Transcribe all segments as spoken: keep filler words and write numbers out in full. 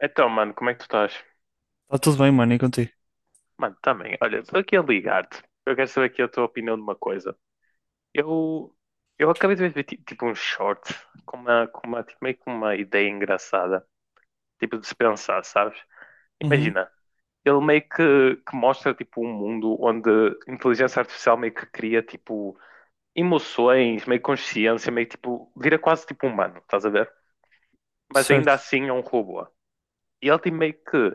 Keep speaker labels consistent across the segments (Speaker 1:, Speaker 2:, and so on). Speaker 1: Então, mano, como é que tu estás?
Speaker 2: Tá tudo bem, mano, e contigo?
Speaker 1: Mano, também. Olha, estou aqui a ligar-te. Eu quero saber aqui a tua opinião de uma coisa. Eu, eu acabei de ver ti- tipo um short com uma, com uma, tipo, meio que uma ideia engraçada. Tipo de se pensar, sabes?
Speaker 2: Uhum.
Speaker 1: Imagina, ele meio que, que mostra tipo um mundo onde a inteligência artificial meio que cria tipo emoções, meio consciência, meio tipo, vira quase tipo humano, estás a ver? Mas ainda
Speaker 2: Certo,
Speaker 1: assim é um robô. E ele tem meio que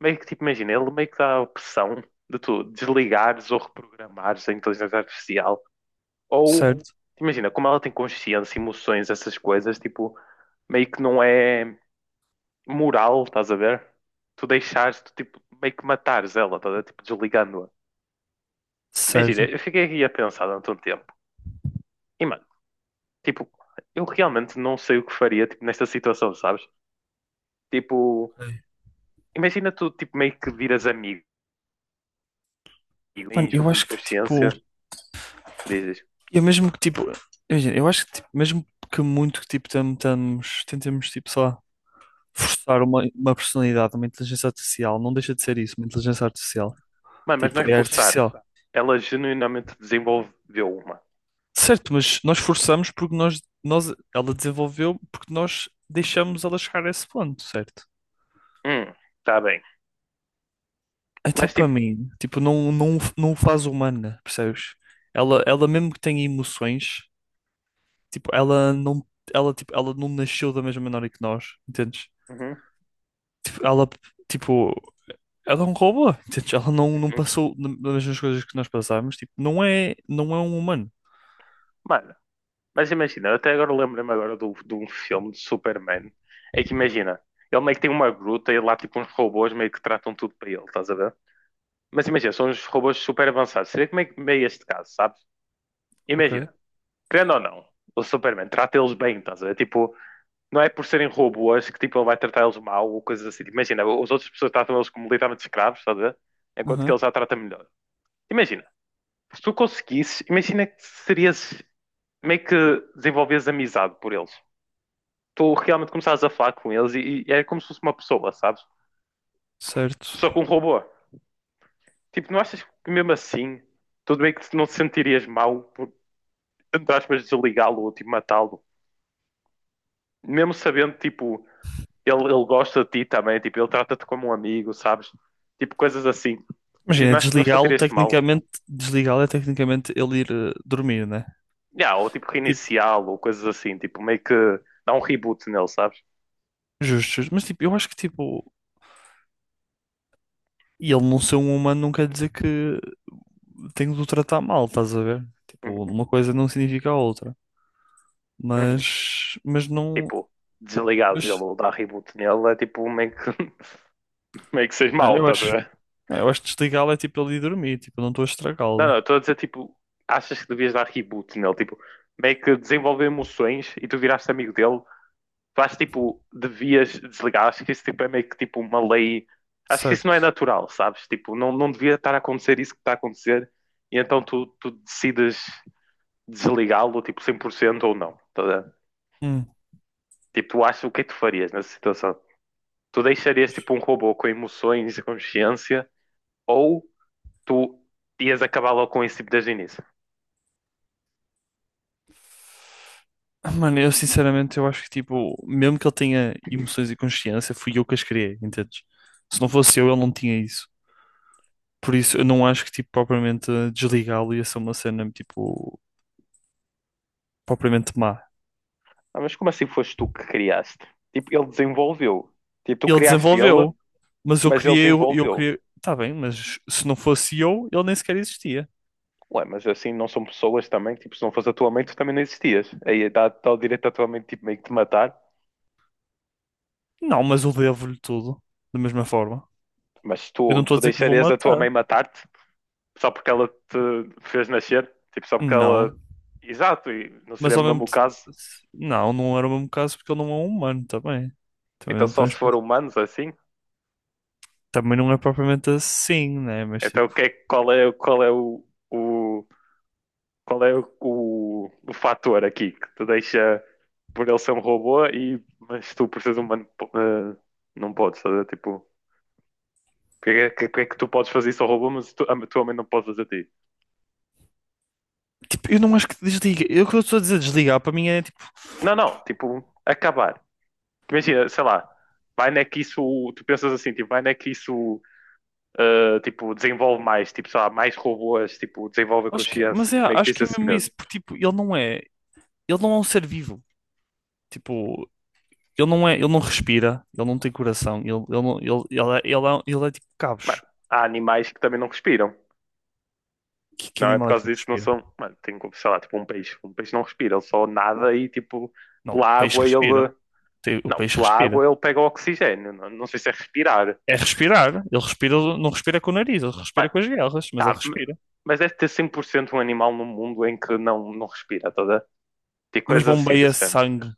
Speaker 1: Meio que, tipo, imagina, ele meio que dá a opção de tu desligares ou reprogramares a inteligência artificial. Ou,
Speaker 2: certo,
Speaker 1: imagina, como ela tem consciência, emoções, essas coisas, tipo, meio que não é moral, estás a ver? Tu deixares, tu, tipo, meio que matares ela, estás a ver? Tipo, desligando-a. Imagina,
Speaker 2: certo.
Speaker 1: eu fiquei aqui a pensar durante um tempo. E, mano, tipo, eu realmente não sei o que faria, tipo, nesta situação, sabes? Tipo,
Speaker 2: Ok.
Speaker 1: imagina tu, tipo, meio que viras amigo e
Speaker 2: Mano,
Speaker 1: tens
Speaker 2: eu acho que tipo,
Speaker 1: consciência, dizes,
Speaker 2: eu mesmo que tipo, imagina, eu acho que tipo, mesmo que muito que tipo tentamos, tentemos tipo só forçar uma, uma personalidade, uma inteligência artificial, não deixa de ser isso, uma inteligência artificial.
Speaker 1: mano, mas não
Speaker 2: Tipo,
Speaker 1: é
Speaker 2: é
Speaker 1: forçar,
Speaker 2: artificial.
Speaker 1: ela genuinamente desenvolveu uma.
Speaker 2: Certo, mas nós forçamos porque nós, nós, ela desenvolveu porque nós deixamos ela chegar a esse ponto, certo?
Speaker 1: Hum, tá bem.
Speaker 2: Então,
Speaker 1: Mas
Speaker 2: para
Speaker 1: tipo,
Speaker 2: mim, tipo, não, não, não o faz humana, percebes? Ela, ela mesmo que tenha emoções, tipo, ela não, ela, tipo, ela não nasceu da mesma maneira que nós, entendes?
Speaker 1: uhum,
Speaker 2: Tipo, ela, tipo, ela é um robô, entendes? Ela não, não
Speaker 1: uhum.
Speaker 2: passou das mesmas coisas que nós passámos, tipo, não é, não é um humano.
Speaker 1: Mano, mas imagina, eu até agora lembro-me agora do- de um filme de Superman. É que imagina, ele meio que tem uma gruta e lá tipo uns robôs meio que tratam tudo para ele, estás a ver? Mas imagina, são uns robôs super avançados. Seria como é que meio este caso, sabes?
Speaker 2: Ok.
Speaker 1: Imagina, querendo ou não, o Superman trata eles bem, estás a ver? Tipo, não é por serem robôs que tipo ele vai tratar eles mal ou coisas assim. Imagina, as outras pessoas tratam eles como literalmente escravos, estás a ver? Enquanto que
Speaker 2: Aham.
Speaker 1: ele já trata melhor. Imagina. Se tu conseguisses, imagina que serias meio que desenvolveres amizade por eles. Tu realmente começares a falar com eles e, e é como se fosse uma pessoa, sabes? Só que
Speaker 2: Certo.
Speaker 1: um robô. Tipo, não achas que mesmo assim, tudo bem que não te sentirias mal por, entre aspas, desligá-lo ou tipo matá-lo? Mesmo sabendo, tipo, ele, ele gosta de ti também, tipo, ele trata-te como um amigo, sabes? Tipo, coisas assim. Tipo,
Speaker 2: Imagina,
Speaker 1: não, ach- não
Speaker 2: desligá-lo,
Speaker 1: sentirias-te mal.
Speaker 2: tecnicamente, desligá-lo é tecnicamente ele ir eh, dormir, né?
Speaker 1: Yeah, ou tipo
Speaker 2: Tipo,
Speaker 1: reiniciá-lo, ou coisas assim, tipo meio que dá um reboot nele, sabes?
Speaker 2: justo, justo. Mas, tipo, eu acho que, tipo, e ele não ser um humano não quer dizer que tenho de o tratar mal, estás a ver? Tipo,
Speaker 1: Uhum,
Speaker 2: uma coisa não significa a outra.
Speaker 1: uhum.
Speaker 2: Mas, mas não,
Speaker 1: Tipo, desligares ele
Speaker 2: mas
Speaker 1: ou dar reboot nele é tipo meio que, meio que seja
Speaker 2: ah,
Speaker 1: mau,
Speaker 2: eu
Speaker 1: estás a
Speaker 2: acho,
Speaker 1: ver?
Speaker 2: ah, eu acho que desligá-lo é tipo ele ir dormir, tipo, eu não estou a
Speaker 1: Não,
Speaker 2: estragá-lo,
Speaker 1: não, estou a dizer tipo, achas que devias dar reboot nele, tipo, meio que desenvolver emoções e tu viraste amigo dele. Tu acho tipo, devias desligar. Acho que isso tipo, é meio que tipo uma lei. Acho que isso não é
Speaker 2: certo?
Speaker 1: natural, sabes? Tipo, não, não devia estar a acontecer isso que está a acontecer. E então tu, tu decides desligá-lo, tipo, cem por cento ou não. Tá a ver?
Speaker 2: Hum.
Speaker 1: Tipo, tu achas o que é que tu farias nessa situação? Tu deixarias tipo um robô com emoções e consciência ou tu ias acabar logo com isso tipo, desde o início?
Speaker 2: Mano, eu sinceramente eu acho que tipo, mesmo que ele tenha emoções e consciência, fui eu que as criei, entendes? Se não fosse eu, ele não tinha isso. Por isso, eu não acho que tipo propriamente desligá-lo ia ser uma cena tipo propriamente má.
Speaker 1: Ah, mas como assim foste tu que criaste? Tipo, ele desenvolveu. Tipo, tu
Speaker 2: E ele
Speaker 1: criaste ele,
Speaker 2: desenvolveu. Mas eu
Speaker 1: mas ele
Speaker 2: criei, o eu
Speaker 1: desenvolveu.
Speaker 2: criei. Tá bem, mas se não fosse eu, ele nem sequer existia.
Speaker 1: Ué, mas assim não são pessoas também, tipo, se não fosse a tua mãe, tu também não existias. Aí dá, dá o direito à tua mãe, tipo, meio que te matar.
Speaker 2: Não, mas eu devo-lhe tudo. Da mesma forma.
Speaker 1: Mas
Speaker 2: Eu não
Speaker 1: tu,
Speaker 2: estou a
Speaker 1: tu
Speaker 2: dizer que o vou
Speaker 1: deixarias a tua
Speaker 2: matar.
Speaker 1: mãe matar-te só porque ela te fez nascer? Tipo, só porque ela.
Speaker 2: Não.
Speaker 1: Exato, e não
Speaker 2: Mas
Speaker 1: seria o
Speaker 2: ao mesmo
Speaker 1: mesmo o
Speaker 2: tempo.
Speaker 1: caso.
Speaker 2: Não, não era o mesmo caso porque ele não é um humano também. Também
Speaker 1: Então
Speaker 2: não
Speaker 1: só se
Speaker 2: podemos.
Speaker 1: for humanos assim?
Speaker 2: Também não é propriamente assim, né? Mas
Speaker 1: Então
Speaker 2: tipo.
Speaker 1: o que é, qual é, qual é o, o, qual é o, o, o fator aqui que te deixa por ele ser um robô e mas tu por seres humano po- eh, não podes, estás tipo, Porque é que, porque é que tu podes fazer isso ao robô, mas tu, a tua mãe não pode fazer a ti?
Speaker 2: Tipo, eu não acho que desliga. Eu o que eu estou a dizer desligar para mim é tipo.
Speaker 1: Não, não, tipo, acabar. Imagina, sei lá, vai não é que isso, tu pensas assim, tipo, vai não é que isso, ah, tipo, desenvolve mais, tipo, sei lá, mais robôs, tipo, desenvolve a
Speaker 2: Acho que. é,
Speaker 1: consciência,
Speaker 2: Mas é,
Speaker 1: tipo, meio que
Speaker 2: acho
Speaker 1: tens
Speaker 2: que é
Speaker 1: esse
Speaker 2: mesmo
Speaker 1: medo.
Speaker 2: isso. Porque tipo, ele não é. Ele não é um ser vivo. Tipo. Ele não é, ele não respira, ele não tem coração, ele, ele, não- ele, ele, é, ele, é, um, ele é tipo
Speaker 1: Mano,
Speaker 2: cabos.
Speaker 1: há animais que também não respiram.
Speaker 2: Que, que
Speaker 1: Não é por
Speaker 2: animal é
Speaker 1: causa
Speaker 2: que não
Speaker 1: disso, não
Speaker 2: respira?
Speaker 1: são, mano, tem, como, sei lá, tipo, um peixe. Um peixe não respira, ele só nada e, tipo,
Speaker 2: Não, o
Speaker 1: pela
Speaker 2: peixe
Speaker 1: água ele,
Speaker 2: respira. Tem- O
Speaker 1: não,
Speaker 2: peixe
Speaker 1: pela água
Speaker 2: respira.
Speaker 1: ele pega o oxigênio, não, não sei se é respirar.
Speaker 2: É respirar. Ele respira, não respira com o nariz, ele respira
Speaker 1: Mano,
Speaker 2: com as guerras, mas ele
Speaker 1: tá, m-
Speaker 2: respira.
Speaker 1: mas deve ter cem por cento um animal no mundo em que não, não respira, toda. Tipo
Speaker 2: Mas
Speaker 1: coisas assim
Speaker 2: bombeia
Speaker 1: desse género.
Speaker 2: sangue.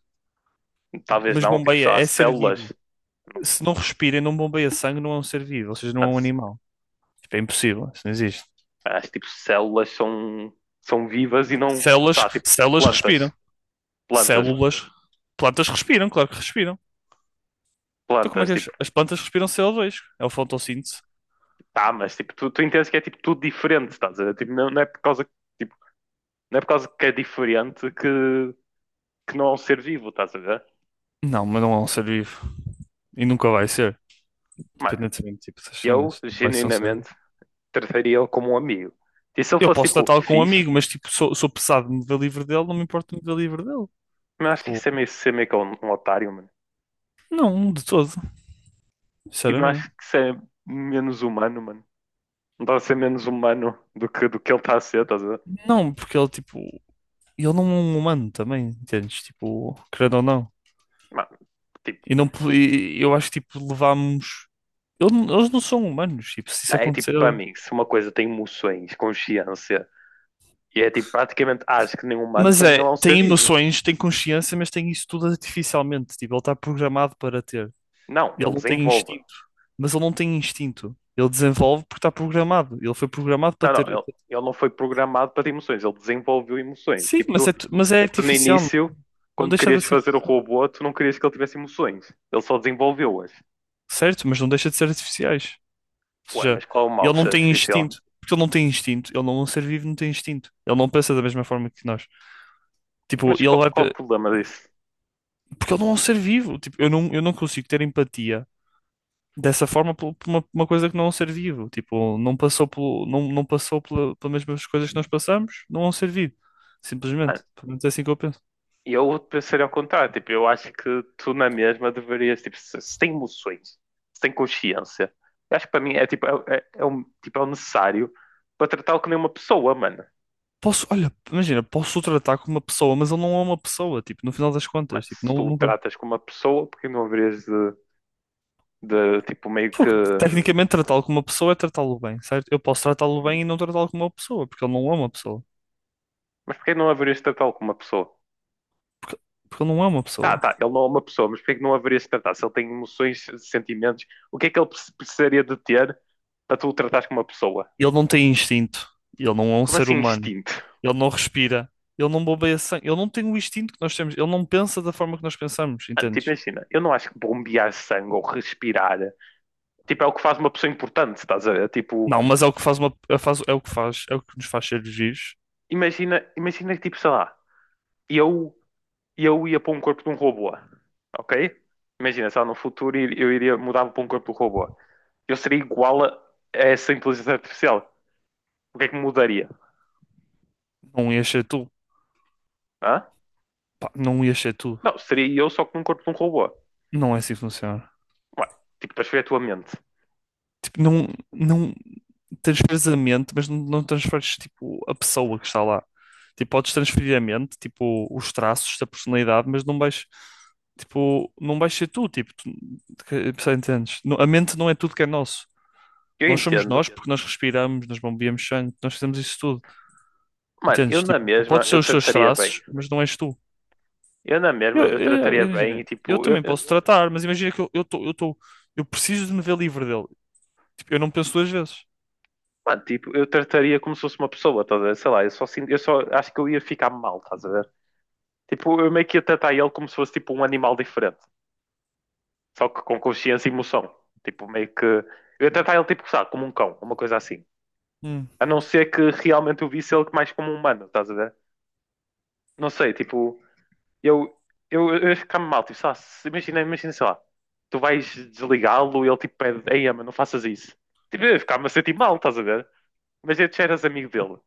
Speaker 1: Talvez
Speaker 2: Mas
Speaker 1: não, tipo,
Speaker 2: bombeia,
Speaker 1: só as
Speaker 2: é ser
Speaker 1: células,
Speaker 2: vivo.
Speaker 1: não-
Speaker 2: Se não respira e não bombeia sangue, não é um ser vivo, ou seja, não é um
Speaker 1: mas
Speaker 2: animal. Tipo, é impossível, isso não existe.
Speaker 1: as tipo células são, são vivas e não, sei
Speaker 2: Células,
Speaker 1: lá, tipo,
Speaker 2: células
Speaker 1: plantas,
Speaker 2: respiram.
Speaker 1: plantas,
Speaker 2: Células, plantas respiram, claro que respiram. Então como é
Speaker 1: plantas,
Speaker 2: que as,
Speaker 1: tipo,
Speaker 2: as plantas respiram C O dois? É o fotossíntese.
Speaker 1: tá, mas tipo, tu, tu entendes que é tipo tudo diferente, estás a ver? Tipo, não, não é por causa, tipo, não é por causa que é diferente que, que não é um ser vivo, estás a ver?
Speaker 2: Não, mas não é um ser vivo. E nunca vai ser.
Speaker 1: Mano,
Speaker 2: Independentemente, tipo, essas
Speaker 1: eu
Speaker 2: cenas. Não vai ser um ser vivo.
Speaker 1: genuinamente trataria-o como um amigo. E se ele
Speaker 2: Eu
Speaker 1: fosse
Speaker 2: posso
Speaker 1: tipo
Speaker 2: tratá-lo com um
Speaker 1: fixe,
Speaker 2: amigo, mas, tipo, sou, sou pesado de me ver livre dele, não me importo de me ver livre dele.
Speaker 1: mas acho que
Speaker 2: Tipo,
Speaker 1: isso é meio ser meio que um, um otário, mano.
Speaker 2: não, de todo.
Speaker 1: Tipo, não
Speaker 2: Sinceramente.
Speaker 1: acho que isso é menos humano, mano. Não está a ser menos humano do que, do que ele está a ser, estás a ver?
Speaker 2: Não, porque ele, tipo, ele não é um humano também, entendes? Tipo, querendo ou não.
Speaker 1: Mano, tipo,
Speaker 2: E não, po- e eu acho que, tipo, levámos. Ele não- Eles não são humanos, tipo, se isso
Speaker 1: é tipo,
Speaker 2: acontecer.
Speaker 1: para mim, se uma coisa tem emoções, consciência, e é tipo, praticamente ah, acho que nem humano,
Speaker 2: Mas
Speaker 1: para mim ele
Speaker 2: é,
Speaker 1: é um ser
Speaker 2: tem
Speaker 1: vivo.
Speaker 2: emoções, tem consciência, mas tem isso tudo artificialmente. Tipo, ele está programado para ter.
Speaker 1: Não,
Speaker 2: Ele
Speaker 1: ele
Speaker 2: não tem
Speaker 1: desenvolve.
Speaker 2: instinto, mas ele não tem instinto. Ele desenvolve porque está programado. Ele foi programado para
Speaker 1: Não, não,
Speaker 2: ter.
Speaker 1: ele, ele não foi programado para ter emoções, ele desenvolveu emoções.
Speaker 2: Sim,
Speaker 1: Tipo,
Speaker 2: mas
Speaker 1: tu,
Speaker 2: é, tu- mas é
Speaker 1: tu no
Speaker 2: artificial.
Speaker 1: início,
Speaker 2: Não
Speaker 1: quando
Speaker 2: deixa de
Speaker 1: querias
Speaker 2: ser
Speaker 1: fazer o
Speaker 2: artificial.
Speaker 1: robô, tu não querias que ele tivesse emoções. Ele só desenvolveu-as.
Speaker 2: Certo, mas não deixa de ser artificiais. Ou
Speaker 1: Ué,
Speaker 2: seja,
Speaker 1: mas qual é o mal
Speaker 2: ele
Speaker 1: de
Speaker 2: não
Speaker 1: ser
Speaker 2: tem
Speaker 1: artificial?
Speaker 2: instinto. Porque ele não tem instinto. Ele não é um ser vivo, não tem instinto. Ele não pensa da mesma forma que nós. Tipo,
Speaker 1: Mas
Speaker 2: ele
Speaker 1: qual,
Speaker 2: vai.
Speaker 1: qual o
Speaker 2: pe-
Speaker 1: problema disso?
Speaker 2: Porque ele não é um ser vivo. Tipo, eu não, eu não consigo ter empatia dessa forma por por uma, uma coisa que não é um ser vivo. Tipo, não passou pelo, não, não passou pela, pelas mesmas coisas que nós passamos, não é um ser vivo. Simplesmente.
Speaker 1: Mano,
Speaker 2: Pelo menos é assim que eu penso.
Speaker 1: eu pensaria ao contrário. Tipo, eu acho que tu na mesma deverias, tipo, se, se tem emoções, se tem consciência, eu acho que para mim é tipo, é, é, é um, tipo, é o necessário para tratá-lo como uma pessoa, mano.
Speaker 2: Posso, olha, imagina, posso o tratar como uma pessoa, mas ele não é uma pessoa, tipo, no final das
Speaker 1: Mano,
Speaker 2: contas, tipo,
Speaker 1: se
Speaker 2: não,
Speaker 1: tu o
Speaker 2: nunca.
Speaker 1: tratas como uma pessoa, porque não haverias de, de tipo, meio
Speaker 2: Pô,
Speaker 1: que. Hum?
Speaker 2: tecnicamente tratá-lo como uma pessoa é tratá-lo bem, certo? Eu posso tratá-lo bem e não tratá-lo como uma pessoa, porque ele não é uma pessoa.
Speaker 1: Mas porquê não haverias de tratá-lo como uma pessoa?
Speaker 2: Porque, porque ele não é uma
Speaker 1: Tá,
Speaker 2: pessoa.
Speaker 1: tá, ele não é uma pessoa, mas porquê que não haverias de tratar? Se ele tem emoções, sentimentos, o que é que ele preci- precisaria de ter para tu o tratares como uma pessoa?
Speaker 2: Ele não tem instinto. Ele não é um
Speaker 1: Como
Speaker 2: ser
Speaker 1: assim
Speaker 2: humano.
Speaker 1: instinto?
Speaker 2: Ele não respira, ele não bombeia sangue, ele não tem o instinto que nós temos, ele não pensa da forma que nós pensamos,
Speaker 1: Mano, tipo,
Speaker 2: entendes?
Speaker 1: imagina, eu não acho que bombear sangue ou respirar, tipo, é o que faz uma pessoa importante, estás a ver? Tipo,
Speaker 2: Não, mas é o que faz uma, é faz- é o que faz, é o que nos faz seres vivos.
Speaker 1: imagina, imagina que, tipo, sei lá, eu, eu ia para um corpo de um robô, ok? Imagina, sei lá, no futuro eu iria mudar para um corpo de um robô. Eu seria igual a essa inteligência artificial. O que é que mudaria?
Speaker 2: Não ia ser tu.
Speaker 1: Hã?
Speaker 2: Pá, não ia ser tu.
Speaker 1: Não, seria eu só com um corpo de um robô.
Speaker 2: Não é assim que funciona.
Speaker 1: Ué, tipo, transferir a tua mente.
Speaker 2: Tipo, não, não transferes a mente, mas não, não transferes tipo a pessoa que está lá. Tipo, podes transferir a mente, tipo os traços da personalidade, mas não vais. Tipo, não vais ser tu, tipo, tu, que- percebes, entendes? Não- A mente não é tudo que é nosso.
Speaker 1: Eu
Speaker 2: Nós somos
Speaker 1: entendo.
Speaker 2: nós porque nós respiramos, nós bombeamos sangue, nós fazemos isso tudo.
Speaker 1: Mano, eu
Speaker 2: Entendes?
Speaker 1: na
Speaker 2: Tipo,
Speaker 1: mesma,
Speaker 2: pode ser
Speaker 1: eu
Speaker 2: os teus
Speaker 1: trataria bem.
Speaker 2: traços, mas não és tu.
Speaker 1: Eu na mesma,
Speaker 2: Eu,
Speaker 1: eu
Speaker 2: eu,
Speaker 1: trataria bem e
Speaker 2: eu, eu
Speaker 1: tipo, eu,
Speaker 2: também
Speaker 1: eu,
Speaker 2: posso tratar, mas imagina que eu eu tô, eu tô, eu preciso de me ver livre dele. Tipo, eu não penso duas vezes.
Speaker 1: Mano, tipo, eu trataria como se fosse uma pessoa, estás a ver? Sei lá, eu só, sinto- eu só acho que eu ia ficar mal, estás a ver? Tipo, eu meio que ia tratar ele como se fosse tipo um animal diferente, só que com consciência e emoção. Tipo, meio que. Eu ia tratar ele tipo, sabe, como um cão, uma coisa assim.
Speaker 2: Hum.
Speaker 1: A não ser que realmente eu visse ele mais como um humano, estás a ver? Não sei, tipo, eu, eu, eu ia ficar mal, tipo, sei lá, se- imagina, imagina, sei lá, tu vais desligá-lo e ele tipo pede, ei, ama, não faças isso. Tipo, eu ia ficar-me a sentir mal, estás a ver? Mas já eras amigo dele.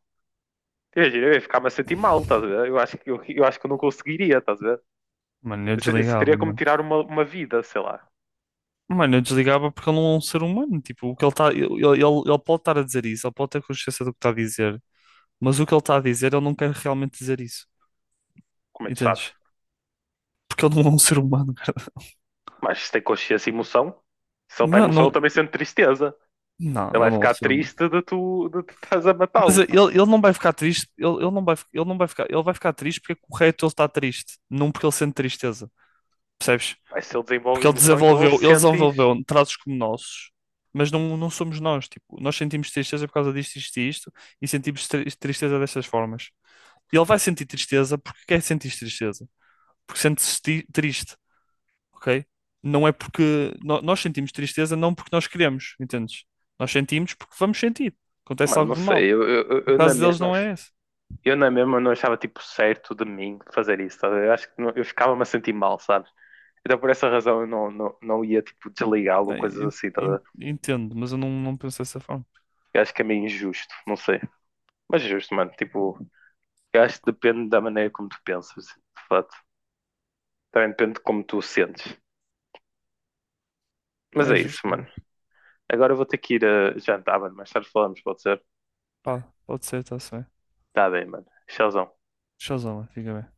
Speaker 1: Imagina, eu ia ficar-me a sentir mal, estás a ver? Eu acho que eu, eu acho que eu não conseguiria, estás a ver?
Speaker 2: Mano, eu
Speaker 1: Isso, isso teria
Speaker 2: desligava,
Speaker 1: como
Speaker 2: mano.
Speaker 1: tirar uma, uma vida, sei lá.
Speaker 2: Mano, eu desligava porque ele não é um ser humano. Tipo, o que ele está. Ele, ele, ele pode estar a dizer isso, ele pode ter consciência do que está a dizer, mas o que ele está a dizer, ele não quer realmente dizer isso.
Speaker 1: Como é que tu sabes?
Speaker 2: Entendes? Porque ele não é um ser humano, cara.
Speaker 1: Mas se tem consciência e emoção, se ele tem
Speaker 2: Mano,
Speaker 1: emoção, ele
Speaker 2: não.
Speaker 1: também sente tristeza.
Speaker 2: Não, ele
Speaker 1: Ele vai
Speaker 2: não é um
Speaker 1: ficar
Speaker 2: ser humano.
Speaker 1: triste de tu, de tu estás a
Speaker 2: Mas
Speaker 1: matá-lo.
Speaker 2: ele, ele não vai ficar triste, ele, ele não vai, ele não vai ficar, ele vai ficar triste porque é correto ele estar triste, não porque ele sente tristeza, percebes?
Speaker 1: Mas se ele desenvolve
Speaker 2: Porque ele
Speaker 1: emoção, então ele
Speaker 2: desenvolveu, ele
Speaker 1: sente isso.
Speaker 2: desenvolveu traços como nossos, mas não, não somos nós, tipo, nós sentimos tristeza por causa disto, isto e isto, e sentimos tri- tristeza destas formas. E ele vai sentir tristeza porque quer sentir tristeza, porque sente-se ti- triste, ok? Não é porque no- nós sentimos tristeza, não porque nós queremos, entendes? Nós sentimos porque vamos sentir, acontece
Speaker 1: Mano, não
Speaker 2: algo de mal.
Speaker 1: sei, eu, eu, eu-
Speaker 2: O
Speaker 1: eu na
Speaker 2: caso deles
Speaker 1: mesma,
Speaker 2: não é esse.
Speaker 1: eu na mesma não achava tipo certo de mim fazer isso, estás a ver? Eu acho que não- eu ficava-me a sentir mal, sabes? Então por essa razão eu não, não, não ia tipo desligá-lo ou
Speaker 2: Ah,
Speaker 1: coisas
Speaker 2: en-
Speaker 1: assim, estás a
Speaker 2: en-
Speaker 1: ver?
Speaker 2: Entendo, mas eu não, não penso dessa forma.
Speaker 1: Eu acho que é meio injusto, não sei. Mas é justo, mano, tipo, eu acho que depende da maneira como tu pensas, de fato. Também depende de como tu sentes. Mas
Speaker 2: Ah, é
Speaker 1: é isso,
Speaker 2: justo, é.
Speaker 1: mano. Agora eu vou ter que ir a jantar, mano. Mais tarde falamos, pode ser?
Speaker 2: Pá, pode ser, tá certo.
Speaker 1: Tá bem, mano. Tchauzão.
Speaker 2: Shazam, fica bem.